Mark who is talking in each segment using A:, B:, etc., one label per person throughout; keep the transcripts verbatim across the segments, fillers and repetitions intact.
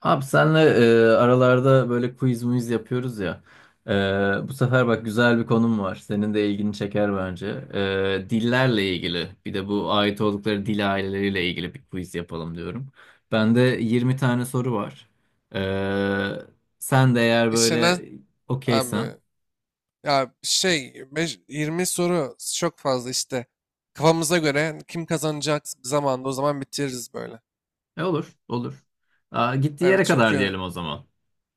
A: Abi senle e, aralarda böyle quiz muiz yapıyoruz ya. E, Bu sefer bak güzel bir konum var. Senin de ilgini çeker bence. E, dillerle ilgili bir de bu ait oldukları dil aileleriyle ilgili bir quiz yapalım diyorum. Bende yirmi tane soru var. E, Sen de eğer
B: İşlenen
A: böyle
B: abi,
A: okeysen.
B: ya şey, beş- yirmi soru çok fazla işte. Kafamıza göre kim kazanacak zamanda o zaman bitiririz böyle.
A: E, olur olur. Aa, gittiği yere
B: Evet,
A: kadar
B: çünkü
A: diyelim o zaman.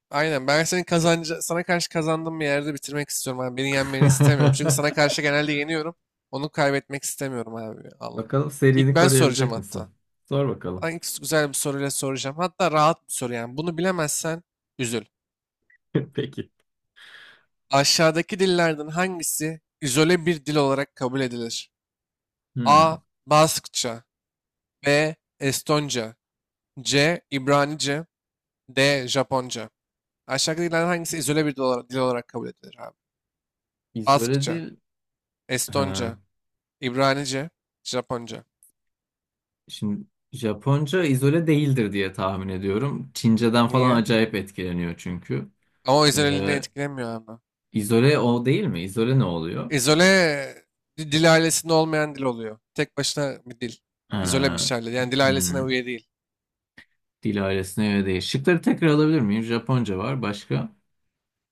B: aynen, ben senin kazanca sana karşı kazandığım bir yerde bitirmek istiyorum abi. Beni yenmeni istemiyorum. Çünkü sana karşı genelde yeniyorum. Onu kaybetmek istemiyorum abi. Allah.
A: Bakalım
B: İlk
A: serini
B: ben soracağım
A: koruyabilecek
B: hatta.
A: misin? Sor
B: Ben
A: bakalım.
B: ilk güzel bir soruyla soracağım. Hatta rahat bir soru yani. Bunu bilemezsen üzül.
A: Peki.
B: Aşağıdaki dillerden hangisi izole bir dil olarak kabul edilir?
A: Hmm.
B: A. Baskça, B. Estonca, C. İbranice, D. Japonca. Aşağıdakilerden hangisi izole bir dil olarak, dil olarak kabul edilir abi?
A: İzole
B: Baskça,
A: değil. Ha,
B: Estonca, İbranice, Japonca.
A: şimdi Japonca izole değildir diye tahmin ediyorum. Çince'den falan
B: Niye?
A: acayip etkileniyor çünkü.
B: Ama o izoleliğini
A: Ee,
B: etkilemiyor ama?
A: izole o değil mi? İzole ne oluyor?
B: İzole di- dil ailesinde olmayan dil oluyor. Tek başına bir dil. İzole bir
A: Ha,
B: şey. Yani dil ailesine
A: hmm,
B: üye değil.
A: dil ailesine göre değil. Şıkları tekrar alabilir miyim? Japonca var. Başka?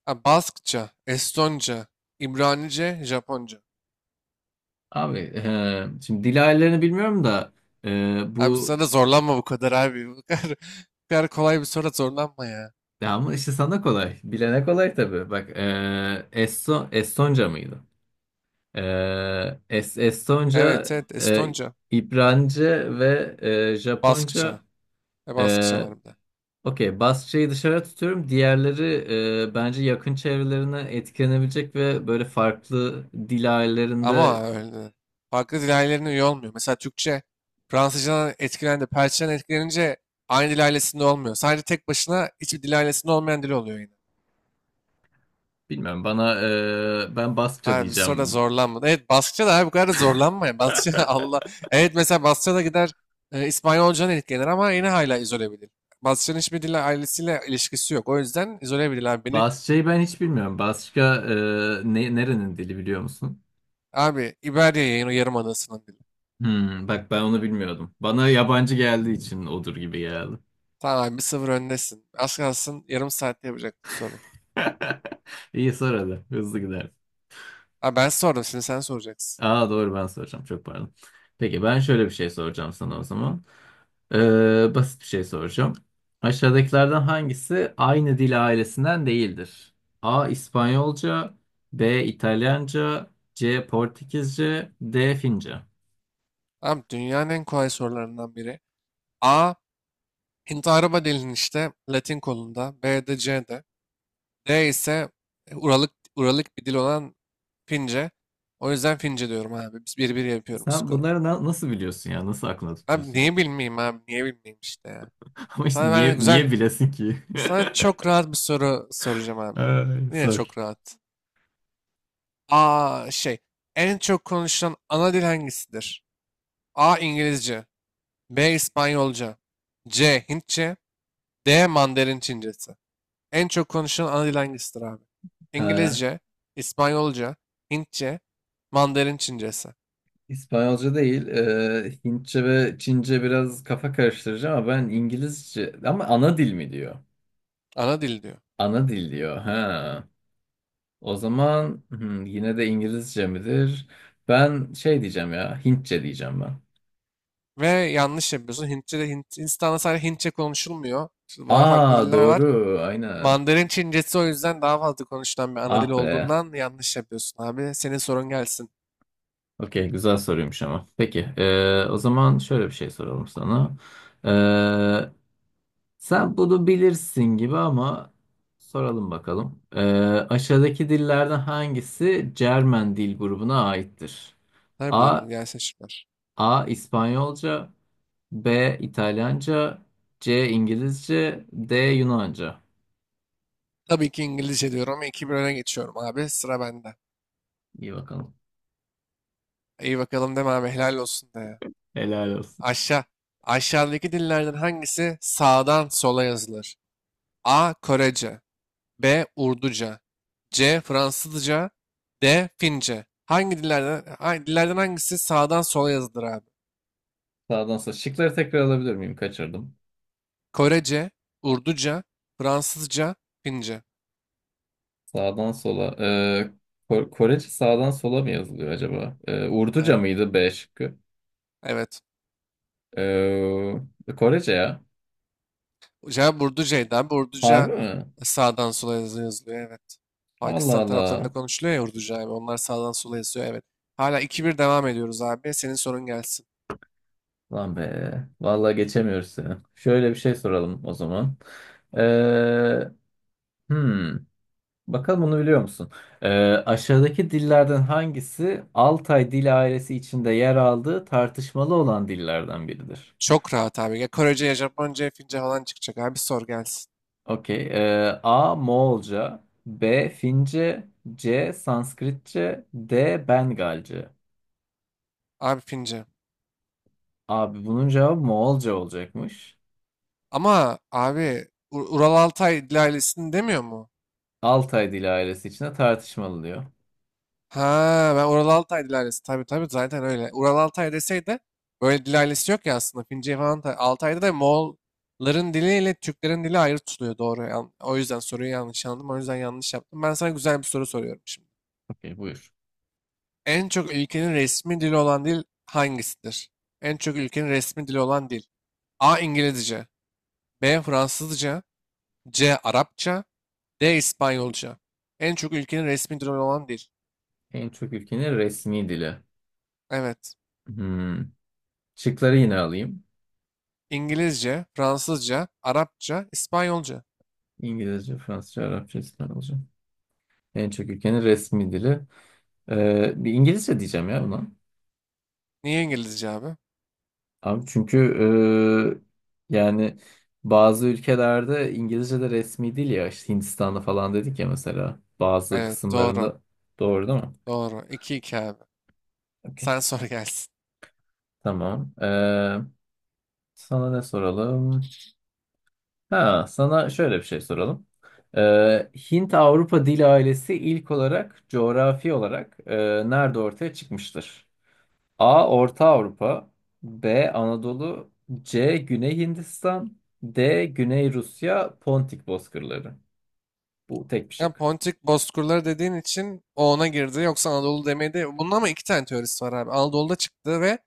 B: Ha, Baskça, Estonca, İbranice, Japonca.
A: Abi e, şimdi dil ailelerini bilmiyorum da, e,
B: Abi,
A: bu
B: sana zorlanma bu kadar abi. Bu kadar, bu kadar kolay bir soru, zorlanma ya.
A: ya ama işte sana kolay. Bilene kolay tabii. Bak, e, Eston, Estonca mıydı? Ee, Es- Estonca,
B: Evet, evet,
A: e,
B: Estonca.
A: İbranice ve e,
B: Baskça.
A: Japonca.
B: E, Baskça
A: E,
B: var bir de.
A: Okey, Basça'yı dışarı tutuyorum. Diğerleri e, bence yakın çevrelerine etkilenebilecek ve böyle farklı dil
B: Ama
A: ailelerinde
B: öyle. Farklı dil ailelerine üye olmuyor. Mesela Türkçe Fransızcadan etkilendi. Perçin'den etkilenince aynı dil ailesinde olmuyor. Sadece tek başına hiçbir dil ailesinde olmayan dil oluyor yine.
A: bilmiyorum. Bana e, ben Basça
B: Ha, bir soruda
A: diyeceğim.
B: zorlanma. Evet, Baskça da abi, bu kadar da zorlanma ya. Baskça. Allah. Evet, mesela Baskça da gider, e, İspanyolcadan etkilenir ama yine hala izole bir dil. Baskça'nın hiçbir dille ailesiyle ilişkisi yok. O yüzden izole bir dil abi. Beni,
A: Basça'yı ben hiç bilmiyorum. Basça e, ne, nerenin dili biliyor musun?
B: abi, İberya yayın o yarım adası'nın dili.
A: Hmm, bak ben onu bilmiyordum. Bana yabancı geldiği için odur gibi geldi.
B: Tamam abi, bir sıfır öndesin. Az kalsın yarım saatte yapacaktın soruyu.
A: İyi sor hadi. Hızlı gider.
B: Abi ben sordum, şimdi sen soracaksın.
A: Aa doğru ben soracağım. Çok pardon. Peki ben şöyle bir şey soracağım sana o zaman. Ee, basit bir şey soracağım. Aşağıdakilerden hangisi aynı dil ailesinden değildir? A. İspanyolca. B. İtalyanca. C. Portekizce. D. Fince.
B: Abi, dünyanın en kolay sorularından biri. A. Hint araba dilinin işte Latin kolunda. B de, C de. D ise Uralık, Uralık bir dil olan Fince. O yüzden Fince diyorum abi. Biz bir bir yapıyorum
A: Sen
B: skoru.
A: bunları na- nasıl biliyorsun ya? Nasıl aklına
B: Abi
A: tutuyorsun?
B: niye bilmeyeyim abi? Niye bilmeyeyim işte ya.
A: Ama işte
B: Sana ben
A: niye
B: güzel,
A: niye bilesin ki?
B: sana çok rahat bir soru soracağım abi.
A: Ay,
B: Yine
A: sor.
B: çok rahat. Aa, şey, en çok konuşulan ana dil hangisidir? A. İngilizce, B. İspanyolca, C. Hintçe, D. Mandarin Çincesi. En çok konuşulan ana dil hangisidir abi?
A: Ee,
B: İngilizce, İspanyolca, Hintçe, Mandarin Çincesi.
A: İspanyolca değil, e, Hintçe ve Çince biraz kafa karıştırıcı ama ben İngilizce ama ana dil mi diyor?
B: Ana dil diyor.
A: Ana dil diyor. Ha. O zaman hmm, yine de İngilizce midir? Ben şey diyeceğim ya, Hintçe diyeceğim ben.
B: Ve yanlış yapıyorsun. Hintçe de, Hint, Hindistan'da sadece Hintçe konuşulmuyor. Şu daha farklı
A: Aa
B: diller var.
A: doğru, aynen.
B: Mandarin Çincesi o yüzden daha fazla konuşulan bir ana dil
A: Ah be.
B: olduğundan yanlış yapıyorsun abi. Senin sorun gelsin.
A: Okey, güzel soruymuş ama. Peki, e, o zaman şöyle bir şey soralım sana. E, Sen bunu bilirsin gibi ama soralım bakalım. E, aşağıdaki dillerden hangisi Cermen dil grubuna aittir?
B: Ne
A: A.
B: bilirim, gelsin şıklar.
A: A. İspanyolca. B. İtalyanca. C. İngilizce. D. Yunanca.
B: Tabii ki İngilizce diyorum ama iki bire öne geçiyorum abi. Sıra bende.
A: İyi bakalım.
B: İyi bakalım deme abi, helal olsun de ya.
A: Helal olsun.
B: Aşağı. Aşağıdaki dillerden hangisi sağdan sola yazılır? A. Korece, B. Urduca, C. Fransızca, D. Fince. Hangi dillerden, hangi dillerden hangisi sağdan sola yazılır abi?
A: Sağdan sonra şıkları tekrar alabilir miyim? Kaçırdım.
B: Korece, Urduca, Fransızca, Fince.
A: Sağdan sola. Ee, Ko- Korece sağdan sola mı yazılıyor acaba? Ee, Urduca
B: Abi,
A: mıydı B şıkkı?
B: evet.
A: Ee, Korece ya.
B: Cevap Urduca'ydı abi. Urduca
A: Harbi mi?
B: sağdan sola. Yazı- yazılıyor. Evet.
A: Allah
B: Pakistan taraflarında
A: Allah.
B: konuşuluyor ya Urduca abi. Onlar sağdan sola yazıyor. Evet. Hala iki bir devam ediyoruz abi. Senin sorun gelsin.
A: Lan be. Vallahi geçemiyoruz seni. Şöyle bir şey soralım o zaman. Ee, hmm. Bakalım bunu biliyor musun? Ee, aşağıdaki dillerden hangisi Altay dil ailesi içinde yer aldığı tartışmalı olan dillerden biridir?
B: Çok rahat abi. Ya Korece, ya Japonca, ya Fince falan çıkacak abi. Sor gelsin.
A: Okey. Ee, A. Moğolca. B. Fince. C. Sanskritçe. D. Bengalce.
B: Abi Fince.
A: Abi bunun cevabı Moğolca olacakmış.
B: Ama abi, U- Ural Altay Dil Ailesi'ni demiyor mu?
A: Altay dili ailesi içinde tartışmalı diyor.
B: Ha, ben Ural Altay Dil Ailesi, tabii tabii, zaten öyle. Ural Altay deseydi, böyle Dil Ailesi yok ya aslında. Fince falan da- Altay'da da Moğolların diliyle Türklerin dili ayrı tutuluyor, doğru. Yan- O yüzden soruyu yanlış anladım. O yüzden yanlış yaptım. Ben sana güzel bir soru soruyorum şimdi.
A: Okey buyur.
B: En çok ülkenin resmi dili olan dil hangisidir? En çok ülkenin resmi dili olan dil. A. İngilizce. B. Fransızca. C. Arapça. D. İspanyolca. En çok ülkenin resmi dili olan dil.
A: En çok ülkenin resmi dili.
B: Evet.
A: Hmm. Şıkları yine alayım.
B: İngilizce, Fransızca, Arapça, İspanyolca.
A: İngilizce, Fransızca, Arapça, İspanyolca. En çok ülkenin resmi dili. Ee, bir İngilizce diyeceğim ya buna.
B: Niye İngilizce abi?
A: Abi çünkü e, yani bazı ülkelerde İngilizce de resmi değil ya işte Hindistan'da falan dedik ya mesela bazı
B: Evet doğru.
A: kısımlarında, doğru değil mi?
B: Doğru. 2 iki abi.
A: Okey.
B: Sen sor gelsin.
A: Tamam. E, sana ne soralım? Ha, sana şöyle bir şey soralım. E, Hint-Avrupa dil ailesi ilk olarak coğrafi olarak e, nerede ortaya çıkmıştır? A. Orta Avrupa. B. Anadolu. C. Güney Hindistan. D. Güney Rusya Pontik bozkırları. Bu tek bir
B: Ya
A: şık.
B: Pontik Bozkırları dediğin için o ona girdi. Yoksa Anadolu demedi. Bunun ama iki tane teorisi var abi. Anadolu'da çıktı ve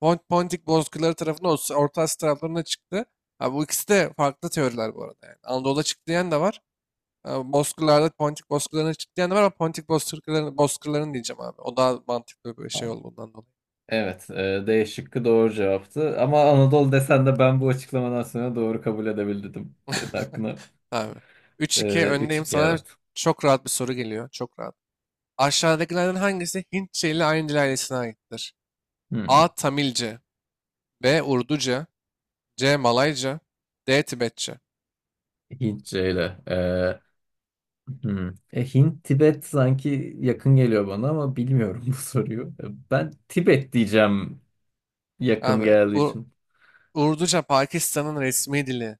B: Pont Pontik Bozkırları tarafına, Orta Asya taraflarına çıktı. Abi bu ikisi de farklı teoriler bu arada yani. Anadolu'da çıktı diyen de var. e, Bozkırlar'da, Pontik Bozkırlar'ına çıktı diyen var ama Pontik Bozkırlar'ın Bozkırlar'ın diyeceğim abi. O daha mantıklı bir şey
A: Tamam.
B: olduğundan dolayı.
A: Evet, e, D şıkkı doğru cevaptı. Ama Anadolu desen de ben bu açıklamadan sonra doğru kabul edebildim. Senin hakkına.
B: Abi. üç iki
A: E,
B: öndeyim.
A: üç iki
B: Sana
A: evet.
B: çok rahat bir soru geliyor. Çok rahat. Aşağıdakilerden hangisi Hintçe ile Ayndice ailesine aittir? A.
A: Hı,
B: Tamilce, B. Urduca, C. Malayca, D. Tibetçe.
A: Hintçeyle. Ee, hmm. E, Hint, Tibet sanki yakın geliyor bana ama bilmiyorum bu soruyu. E, Ben Tibet diyeceğim yakın
B: Abi,
A: geldiği
B: Ur-
A: için.
B: Urduca Pakistan'ın resmi dili.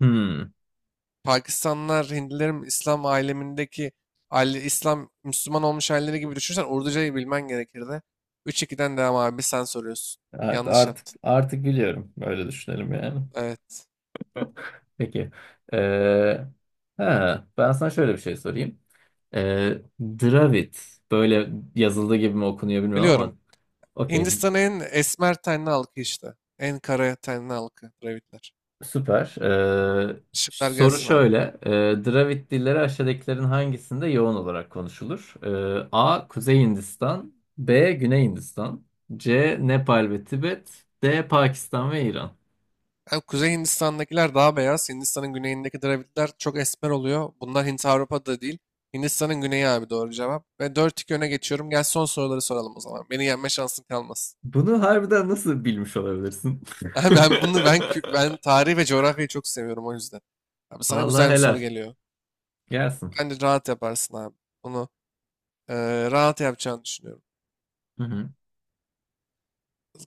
A: Hmm.
B: Pakistanlılar, Hintlilerin İslam alemindeki aile, İslam, Müslüman olmuş aileleri gibi düşünsen Urducayı bilmen gerekirdi. Üç ikiden devam abi, sen soruyorsun.
A: Evet,
B: Yanlış
A: artık
B: yaptın.
A: artık biliyorum. Öyle düşünelim yani.
B: Evet.
A: Peki. Ee, ha, ben sana şöyle bir şey sorayım. Ee, Dravid. Böyle yazıldığı gibi mi okunuyor bilmiyorum ama
B: Biliyorum.
A: okey.
B: Hindistan'ın en esmer tenli halkı işte. En kara tenli halkı Dravidler.
A: Süper. Ee,
B: Işıklar
A: soru
B: gelsin abi.
A: şöyle. Ee, Dravid dilleri aşağıdakilerin hangisinde yoğun olarak konuşulur? Ee, A. Kuzey Hindistan. B. Güney Hindistan. C. Nepal ve Tibet. D. Pakistan ve İran.
B: Yani Kuzey Hindistan'dakiler daha beyaz. Hindistan'ın güneyindeki Dravidler çok esmer oluyor. Bunlar Hint Avrupa'da değil. Hindistan'ın güneyi abi doğru cevap. Ve dört iki öne geçiyorum. Gel, son soruları soralım o zaman. Beni yenme şansın kalmasın.
A: Bunu harbiden nasıl bilmiş olabilirsin?
B: ben bunu ben kü- ben tarih ve coğrafyayı çok seviyorum o yüzden. Abi sana
A: Vallahi
B: güzel bir soru
A: helal.
B: geliyor.
A: Gelsin.
B: Bence rahat yaparsın abi. Bunu eee, rahat yapacağını düşünüyorum.
A: Hı hı.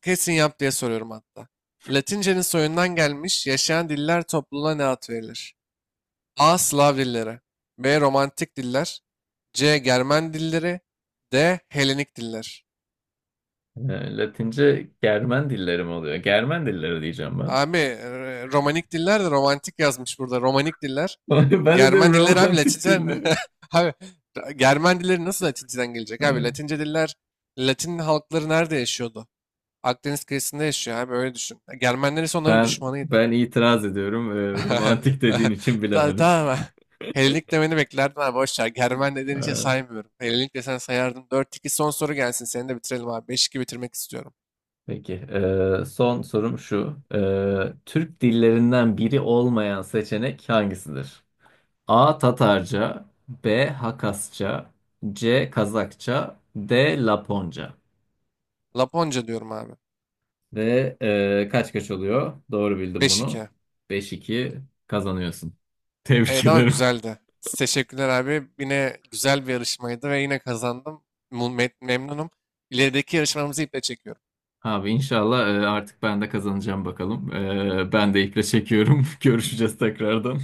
B: Kesin yap diye soruyorum hatta. Latince'nin soyundan gelmiş yaşayan diller topluluğuna ne ad verilir? A. Slav dilleri. B. Romantik diller. C. Germen dilleri. D. Helenik diller.
A: Ee, Latince Germen dilleri mi oluyor? Germen dilleri diyeceğim ben.
B: Abi, e, romanik diller de romantik yazmış burada. Romanik diller.
A: Ben de diyorum
B: Germen dilleri abi
A: romantik
B: Latince.
A: diline.
B: Abi, Germen dilleri nasıl Latinceden gelecek abi?
A: Evet.
B: Latince diller, Latin halkları nerede yaşıyordu? Akdeniz kıyısında yaşıyor abi, öyle düşün. Germenler ise onların
A: Ben
B: düşmanıydı.
A: ben itiraz ediyorum. Ee, romantik dediğin için
B: Ta-
A: bilemedim.
B: Tamam. Helenik demeni beklerdim abi, boş ver. Germen dediğin için
A: Ee,
B: saymıyorum. Helenik desen sayardım. Dört iki, son soru gelsin. Seni de bitirelim abi. Beş iki bitirmek istiyorum.
A: Peki. Ee, son sorum şu. Ee, Türk dillerinden biri olmayan seçenek hangisidir? A. Tatarca. B. Hakasça. C. Kazakça. D. Laponca.
B: Laponca diyorum abi.
A: Ve ee, kaç kaç oluyor? Doğru bildim
B: Beş
A: bunu.
B: iki.
A: Beş iki kazanıyorsun. Tebrik
B: Evet ama
A: ederim.
B: güzeldi. Teşekkürler abi. Yine güzel bir yarışmaydı ve yine kazandım. Mu- me- Memnunum. İlerideki yarışmamızı iple çekiyorum.
A: Abi inşallah e, artık ben de kazanacağım bakalım. E, Ben de iple çekiyorum. Görüşeceğiz tekrardan.